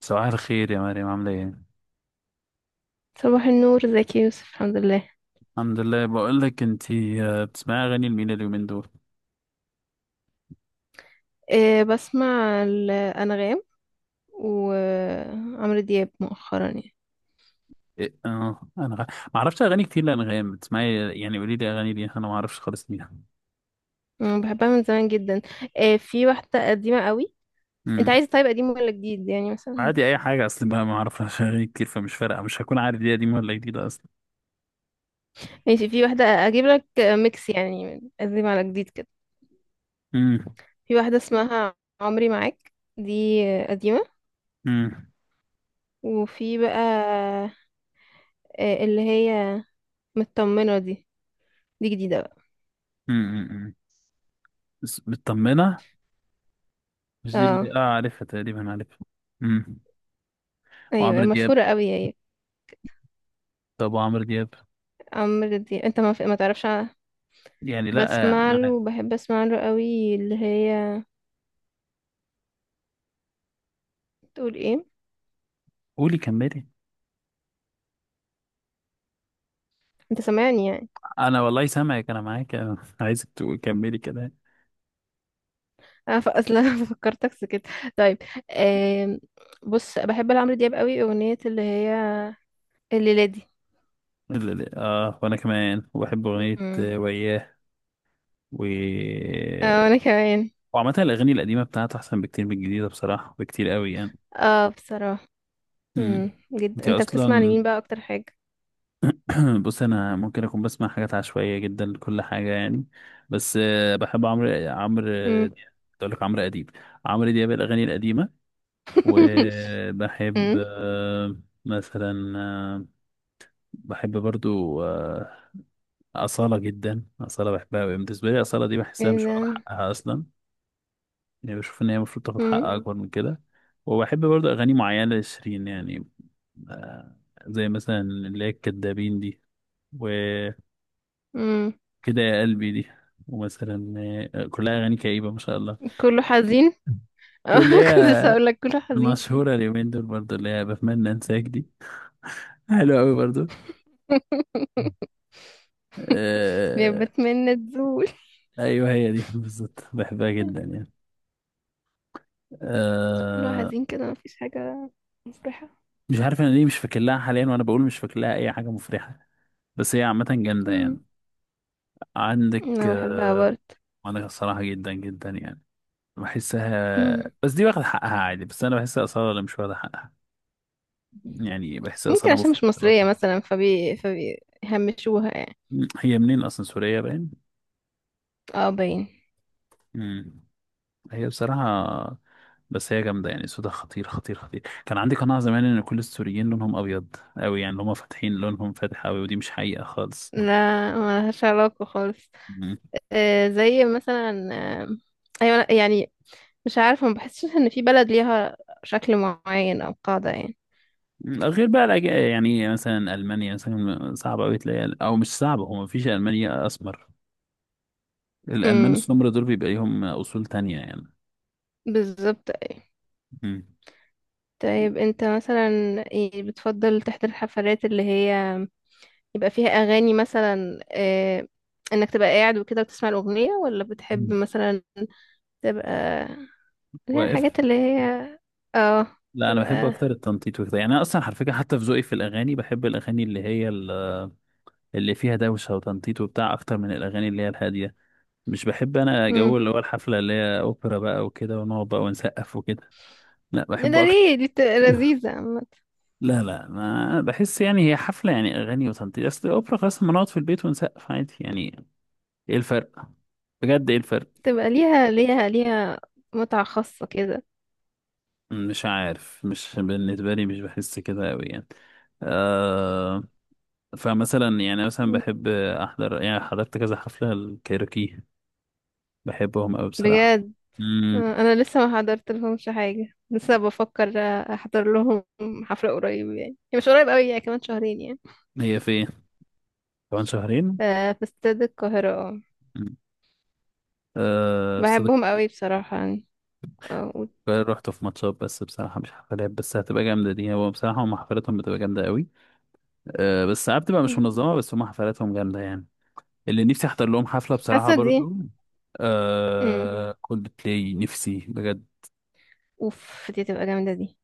صباح الخير يا مريم، عاملة ايه؟ صباح النور، ازيك يا يوسف؟ الحمد لله. الحمد لله، بقول لك انتي بتسمعي اغاني لمين اليومين دول؟ أه، بسمع الأنغام وعمرو دياب مؤخرا يعني. إيه؟ اه. ما اعرفش اغاني كتير لانغام، بتسمعي يعني قولي لي اغاني دي، انا ما اعرفش خالص مين. أنا بحبها من زمان جدا. أه في واحدة قديمة قوي. انت امم. عايز طيب قديم ولا جديد، يعني مثلا؟ عادي، اي حاجة، اصل بقى ما اعرفش اغاني كتير، فمش فارقة، مش هكون عارف دي قديمة ولا جديدة اصلا. ماشي، في واحدة اجيب لك ميكس يعني من قديم على جديد كده. امم. في واحدة اسمها عمري معاك، دي قديمة. امم. وفي بقى اللي هي مطمنة دي، دي جديدة بقى. امم. بس مطمنة، مش دي اه، اللي اه، عارفها؟ تقريبا عارفها. امم. ايوه وعمرو دياب؟ مشهورة قوي هي. طب وعمرو دياب؟ عمرو دياب انت ما تعرفش. يعني لا، بسمع له وبحب اسمع له قوي، اللي هي تقول ايه. قولي كملي. انت سامعني يعني؟ انا والله سامعك، انا معاك، انا عايزك تكملي كده. انا اصلا فكرتك سكت. طيب. آم، بص بحب لعمرو دياب قوي اغنية اللي هي الليلة دي. وانا كمان، وبحب اغنية مم. وياه. و اه، وانا كمان. وعامة الاغاني القديمة بتاعته احسن بكتير من الجديدة، بصراحة بكتير قوي يعني. اه، بصراحة. امم. جدا. انت انت بتسمع اصلا... لمين بقى اكتر حاجة؟ بص، انا ممكن اكون بسمع حاجات عشوائية جدا لكل حاجة يعني. بس بحب عمرو عمرو آه، مم. دياب، كنت اقول لك عمرو اديب. عمرو دياب، الاغاني القديمة. وبحب مم. مثلا بحب برضو أصالة جدا. أصالة بحبها أوي، بالنسبة لي أصالة دي بحسها ايه مش ده؟ واخدة حقها أصلا. يعني بشوف ان هي المفروض تاخد حق مم. اكبر من كده. وبحب برضه اغاني معينه لشيرين يعني. آه، زي مثلا اللي هي الكدابين دي وكده، مم. يا قلبي دي. ومثلا كلها اغاني كئيبه، ما شاء الله. كله حزين. اه، واللي كنت لسه هي هقول لك كله حزين كده. المشهوره اليومين دول برضه، اللي هي بتمنى انساك دي، حلوه قوي برضه. يا آه. بتمنى تزول. ايوه، هي دي بالظبط، بحبها جدا يعني. بس كله آه. حزين كده، مفيش حاجة مفرحة. مش عارف انا ليه مش فاكر لها حاليا، وانا بقول مش فاكر لها اي حاجه مفرحه، بس هي عامه جامده مم. يعني. عندك انا بحبها برضه. عندك الصراحة، جدا جدا يعني. مم. بحسها بس دي واخد حقها عادي، بس أنا بحسها أصالة اللي مش واخدة حقها. يعني بحسها ممكن أصالة عشان مش مفضلة. مصرية مثلا، فبيهمشوها يعني. هي منين أصلا؟ سورية باين. اه، باين. مم. هي بصراحة، بس هي جامدة يعني، صوتها خطير خطير خطير. كان عندي قناعة زمان إن كل السوريين لونهم أبيض أوي، يعني اللي هما فاتحين لونهم فاتح أوي، ودي مش حقيقة خالص. لا، ملهاش علاقة خالص. مم. آه زي مثلا. آه. ايوه، لأ، يعني مش عارفة، ما بحسش ان في بلد ليها شكل معين او قاعدة يعني. غير بقى يعني مثلا ألمانيا، مثلا صعب أوي تلاقي، أو مش صعب، هو مفيش ألمانيا أسمر. الألمان امم، السمر دول بيبقى ليهم أصول تانية يعني. بالظبط أيوة. مم. طيب انت مثلا، ايه بتفضل تحضر الحفلات اللي هي يبقى فيها اغاني مثلا، انك تبقى قاعد وكده وتسمع الاغنيه، ولا بتحب مم. مثلا تبقى اللي هي واقف. الحاجات اللي هي اه لا، أنا بحب تبقى. أكتر التنطيط وكده يعني. أنا أصلا على فكرة، حتى في ذوقي في الأغاني، بحب الأغاني اللي فيها دوشة وتنطيط وبتاع، أكتر من الأغاني اللي هي الهادية. مش بحب أنا جو امم. اللي هو الحفلة اللي هي أوبرا بقى وكده، ونقعد بقى ونسقف وكده. لا، ده بحب أكتر. ليه؟ دي بتبقى لذيذه عامه. لا لا، ما بحس يعني هي حفلة، يعني أغاني وتنطيط. أصل الأوبرا خلاص، ما نقعد في البيت ونسقف عادي يعني. إيه الفرق؟ بجد إيه الفرق؟ تبقى ليها متعه خاصه كده. مش عارف، مش بالنسبة لي، مش بحس كده أوي يعني. آه. فمثلا يعني، مثلا مم. بحب أحضر، يعني حضرت كذا حفلة الكايروكي. بحبهم أوي بصراحة. بجد. مم. انا لسه ما حضرت لهمش حاجه، لسه بفكر احضر لهم حفله قريب. يعني هي مش قريب قوي يعني، كمان شهرين يعني. هي فين؟ كمان شهرين؟ ف- في استاد القاهره. اه مم. آه في استاد بحبهم قوي بصراحه يعني. اه القاهرة، رحت في ماتشات بس بصراحة، مش حفلات، بس هتبقى جامدة دي. هو بصراحة هم حفلاتهم بتبقى جامدة أوي. آه بس ساعات بتبقى مش مم. منظمة، بس هم حفلاتهم جامدة يعني. اللي نفسي أحضر لهم حفلة بصراحة حاسه دي. برضو، امم. آه، كولد بلاي، نفسي بجد. اوف، دي تبقى جامدة دي.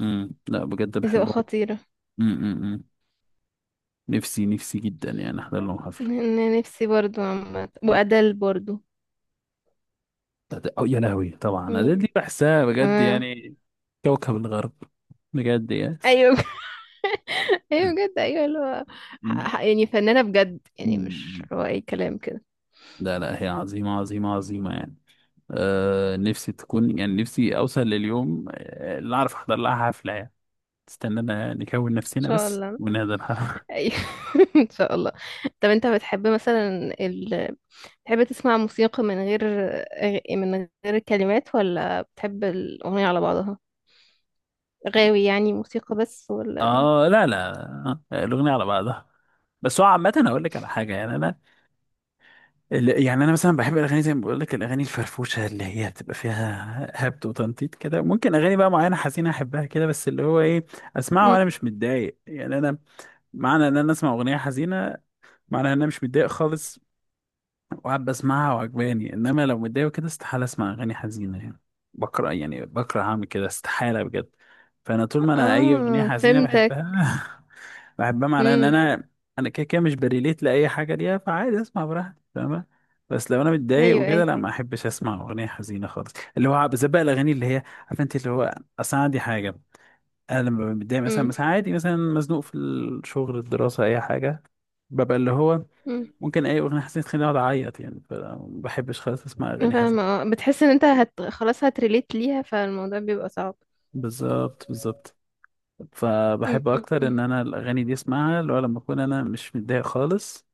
امم. لا بجد دي تبقى بحبهم. خطيرة. امم. أمم. نفسي نفسي جدا يعني احضر لهم حفله. انا نفسي برضو، عامة، مم. وأدل برضو. أو يا لهوي، طبعا أديل يعني- دي بحسها بجد اه، يعني. كوكب الغرب، بجد يعني. ايوه ايوه بجد، ايوه اللي هو مم. يعني فنانة بجد يعني، مش مم. هو اي كلام كده. لا لا، هي عظيمه عظيمه عظيمه يعني. آه، نفسي تكون، يعني نفسي اوصل لليوم اللي اعرف احضر لها حفله يعني. استنانا نكون ان نفسنا شاء بس الله. ونهدى الحفله. ايوه ان شاء الله. طب انت بتحب مثلا ال... بتحب تسمع موسيقى من غير من غير كلمات، ولا بتحب الأغنية على بعضها؟ غاوي يعني موسيقى بس، ولا؟ اه لا لا. الاغنيه على بعضها. بس هو عامه هقول لك على حاجه يعني، انا يعني انا مثلا بحب الاغاني، زي ما بقول لك الاغاني الفرفوشه اللي هي بتبقى فيها هبد وتنطيط كده. ممكن اغاني بقى معينه حزينه احبها كده، بس اللي هو ايه، اسمعها مم. وانا مش متضايق يعني. انا معنى ان انا اسمع اغنيه حزينه، معنى ان انا مش متضايق خالص، وقاعد بسمعها وعجباني. انما لو متضايق وكده، استحاله اسمع اغاني حزينه يعني. بكره، يعني بكره اعمل كده استحاله بجد. فانا طول ما انا، اي اغنيه اه، حزينه فهمتك. بحبها، بحبها معناها ان امم. انا، انا كده كده مش بريليت لاي حاجه ليها، فعادي اسمع براحتي، فاهمة. بس لو انا متضايق ايوه وكده، ايوه. لا ما احبش اسمع اغنيه حزينه خالص، اللي هو بالذات بقى الاغاني اللي هي عارفه انت اللي هو، اصل أنا عندي حاجه. انا لما ببقى متضايق مثلا، امم عادي، مثلا مزنوق في الشغل، الدراسه، اي حاجه، ببقى اللي هو، امم ممكن اي اغنيه حزينه تخليني اقعد اعيط يعني، فما بحبش خالص اسمع أنا اغاني حزينه. فاهمة. اه بتحس ان انت هت... خلاص هتريليت ليها، فالموضوع بيبقى صعب. بالظبط بالظبط. فبحب اكتر ان امم انا الاغاني دي اسمعها اللي هو لما اكون انا مش متضايق خالص.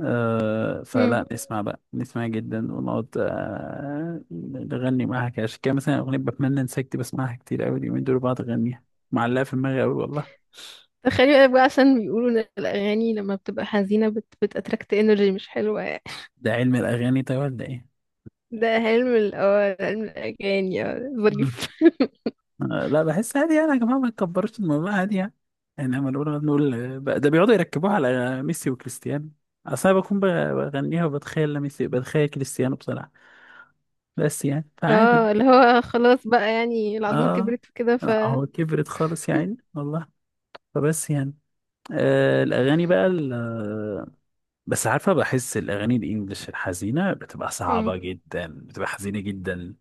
آه امم فلا، نسمع بقى نسمع جدا، ونقعد آه نغني معاها كده. عشان كده مثلا أغنية بتمنى انساك دي بسمعها كتير أوي اليومين دول، بقعد أغنيها، معلقة في دماغي أوي والله. تخيلي بقى عشان بيقولوا ان الاغاني لما بتبقى حزينة بت... بتأتراكت انرجي مش حلوة يعني. ده علم الأغاني طيب ولا إيه؟ ده علم ال اه علم الاغاني، اه ظريف مم. آه لا، بحس عادي يعني، يا جماعة ما تكبرش الموضوع، عادي يعني. يعني لما نقول نقول ده بيقعدوا يركبوها على ميسي وكريستيانو. أصل أنا بكون بغنيها وبتخيل ميسي، بتخيل كريستيانو بصراحة. بس يعني، فعادي. اه اللي هو خلاص بقى يعني، العظمة آه. كبرت وكده ف. لا هو كبرت خالص يعني والله. فبس يعني، الأغاني بقى بس عارفة، بحس الأغاني الإنجليش الحزينة بتبقى امم. صعبة جدا، بتبقى حزينة جدا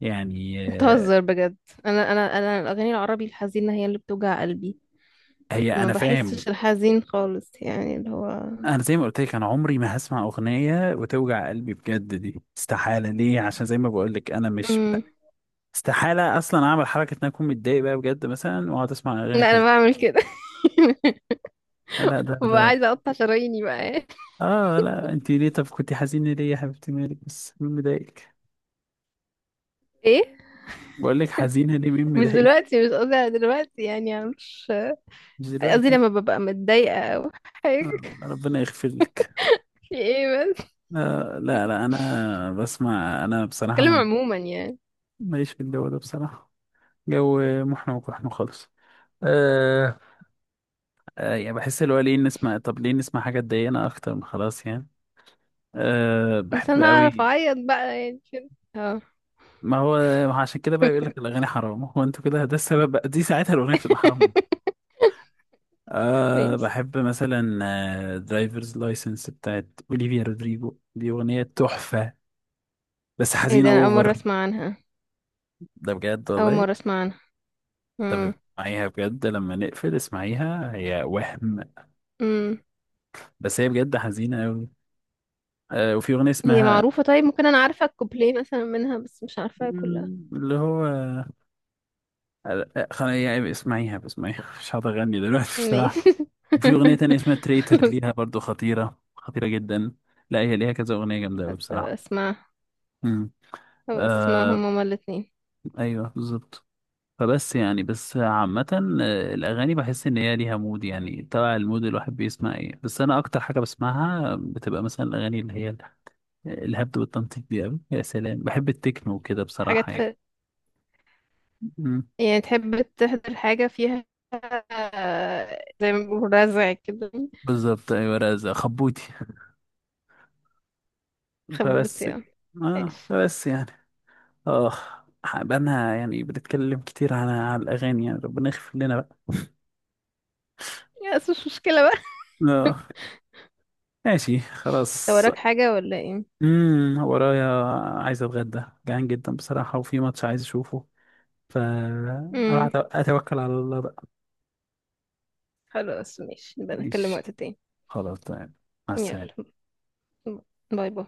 يعني. بتهزر بجد. انا الاغاني العربي الحزينة هي اللي بتوجع قلبي. هي ما أنا فاهم. بحسش الحزين خالص يعني اللي هو. أنا زي ما قلت لك، أنا عمري ما هسمع أغنية وتوجع قلبي بجد، دي استحالة. ليه؟ عشان زي ما بقول لك، أنا مش، امم. استحالة أصلا أعمل حركة إن أنا أكون متضايق بقى بجد مثلا وأقعد أسمع أغاني لا، انا حزينة. بعمل كده لا لا ده ببقى ده عايزة اقطع شراييني بقى آه لا، أنت ليه؟ طب كنت حزينة ليه يا حبيبتي، مالك؟ بس مين مضايقك؟ ايه؟ بقول لك حزينة ليه؟ مين مش مضايقك؟ دلوقتي، مش قصدي على دلوقتي، يعني أنا مش مش قصدي. دلوقتي. لما ببقى متضايقة حاجة ربنا يغفر لك. في ايه؟ بس، لا لا انا بسمع، انا بصراحه بتكلم عموما يعني. ماليش في الجو ده بصراحه. جو محن وقحن خالص. أه. أه يعني بحس اللي هو، ليه نسمع؟ طب ليه نسمع حاجه تضايقنا اكتر من خلاص يعني؟ أه. بس بحب انا اعرف قوي. اعيط بقى يعني كده. اه. ما هو عشان كده بقى يقول لك الاغاني حرام، هو انتوا كده، ده السبب بقى، دي ساعتها الاغنيه بتبقى حرام. أه ماشي. بحب مثلا درايفرز لايسنس بتاعت اوليفيا رودريجو، دي اغنيه تحفه، بس ايه حزينه ده؟ انا اول مرة اوفر. اسمع عنها. ده بجد اول والله. مرة اسمع عنها. طب امم. اسمعيها بجد، لما نقفل اسمعيها هي وهم، امم. بس هي بجد حزينة أوي. آه، وفي أغنية هي اسمها معروفة طيب؟ ممكن انا عارفة الكوبليه مثلا منها، بس مش عارفاها كلها. مم، اللي هو آه، يعني اسمعيها اسمعيها، مش هقدر أغني دلوقتي بصراحة. ماشي. وفي أغنية تانية اسمها تريتر بس. ليها برضو، خطيرة خطيرة جدا. لا هي ليها كذا أغنية جامدة أوي بس أبقى بصراحة. اسمع. مم. هبقى اسمعهم آه. هما الاتنين. أيوه بالظبط. فبس يعني، بس عامة الأغاني بحس إن هي ليها مود يعني، تبع المود الواحد بيسمع إيه. بس أنا أكتر حاجة بسمعها بتبقى مثلا الأغاني اللي هي الهبد والتنطيط دي أوي. يا سلام، بحب التكنو كده حاجات بصراحة يعني. في، مم. يعني تحب تحضر حاجة فيها، زي ما بيقولوا رزع كده. بالظبط، أيوة، رزق خبوتي. خبوط فبس يعني. ماشي. يعني. آه، بقالنا يعني بنتكلم كتير على الأغاني يعني، ربنا يغفر لنا بقى. يا بس مش مشكلة بقى. آه. ماشي انت خلاص. وراك حاجة ولا ايه؟ ورايا، عايز أتغدى، جعان جدا بصراحة، وفي ماتش عايز أشوفه، فأروح امم، أتوكل على الله بقى. خلاص ماشي، نبقى نتكلم ماشي، وقت تاني. خلاص تمام، مع يلا. السلامة. باي باي.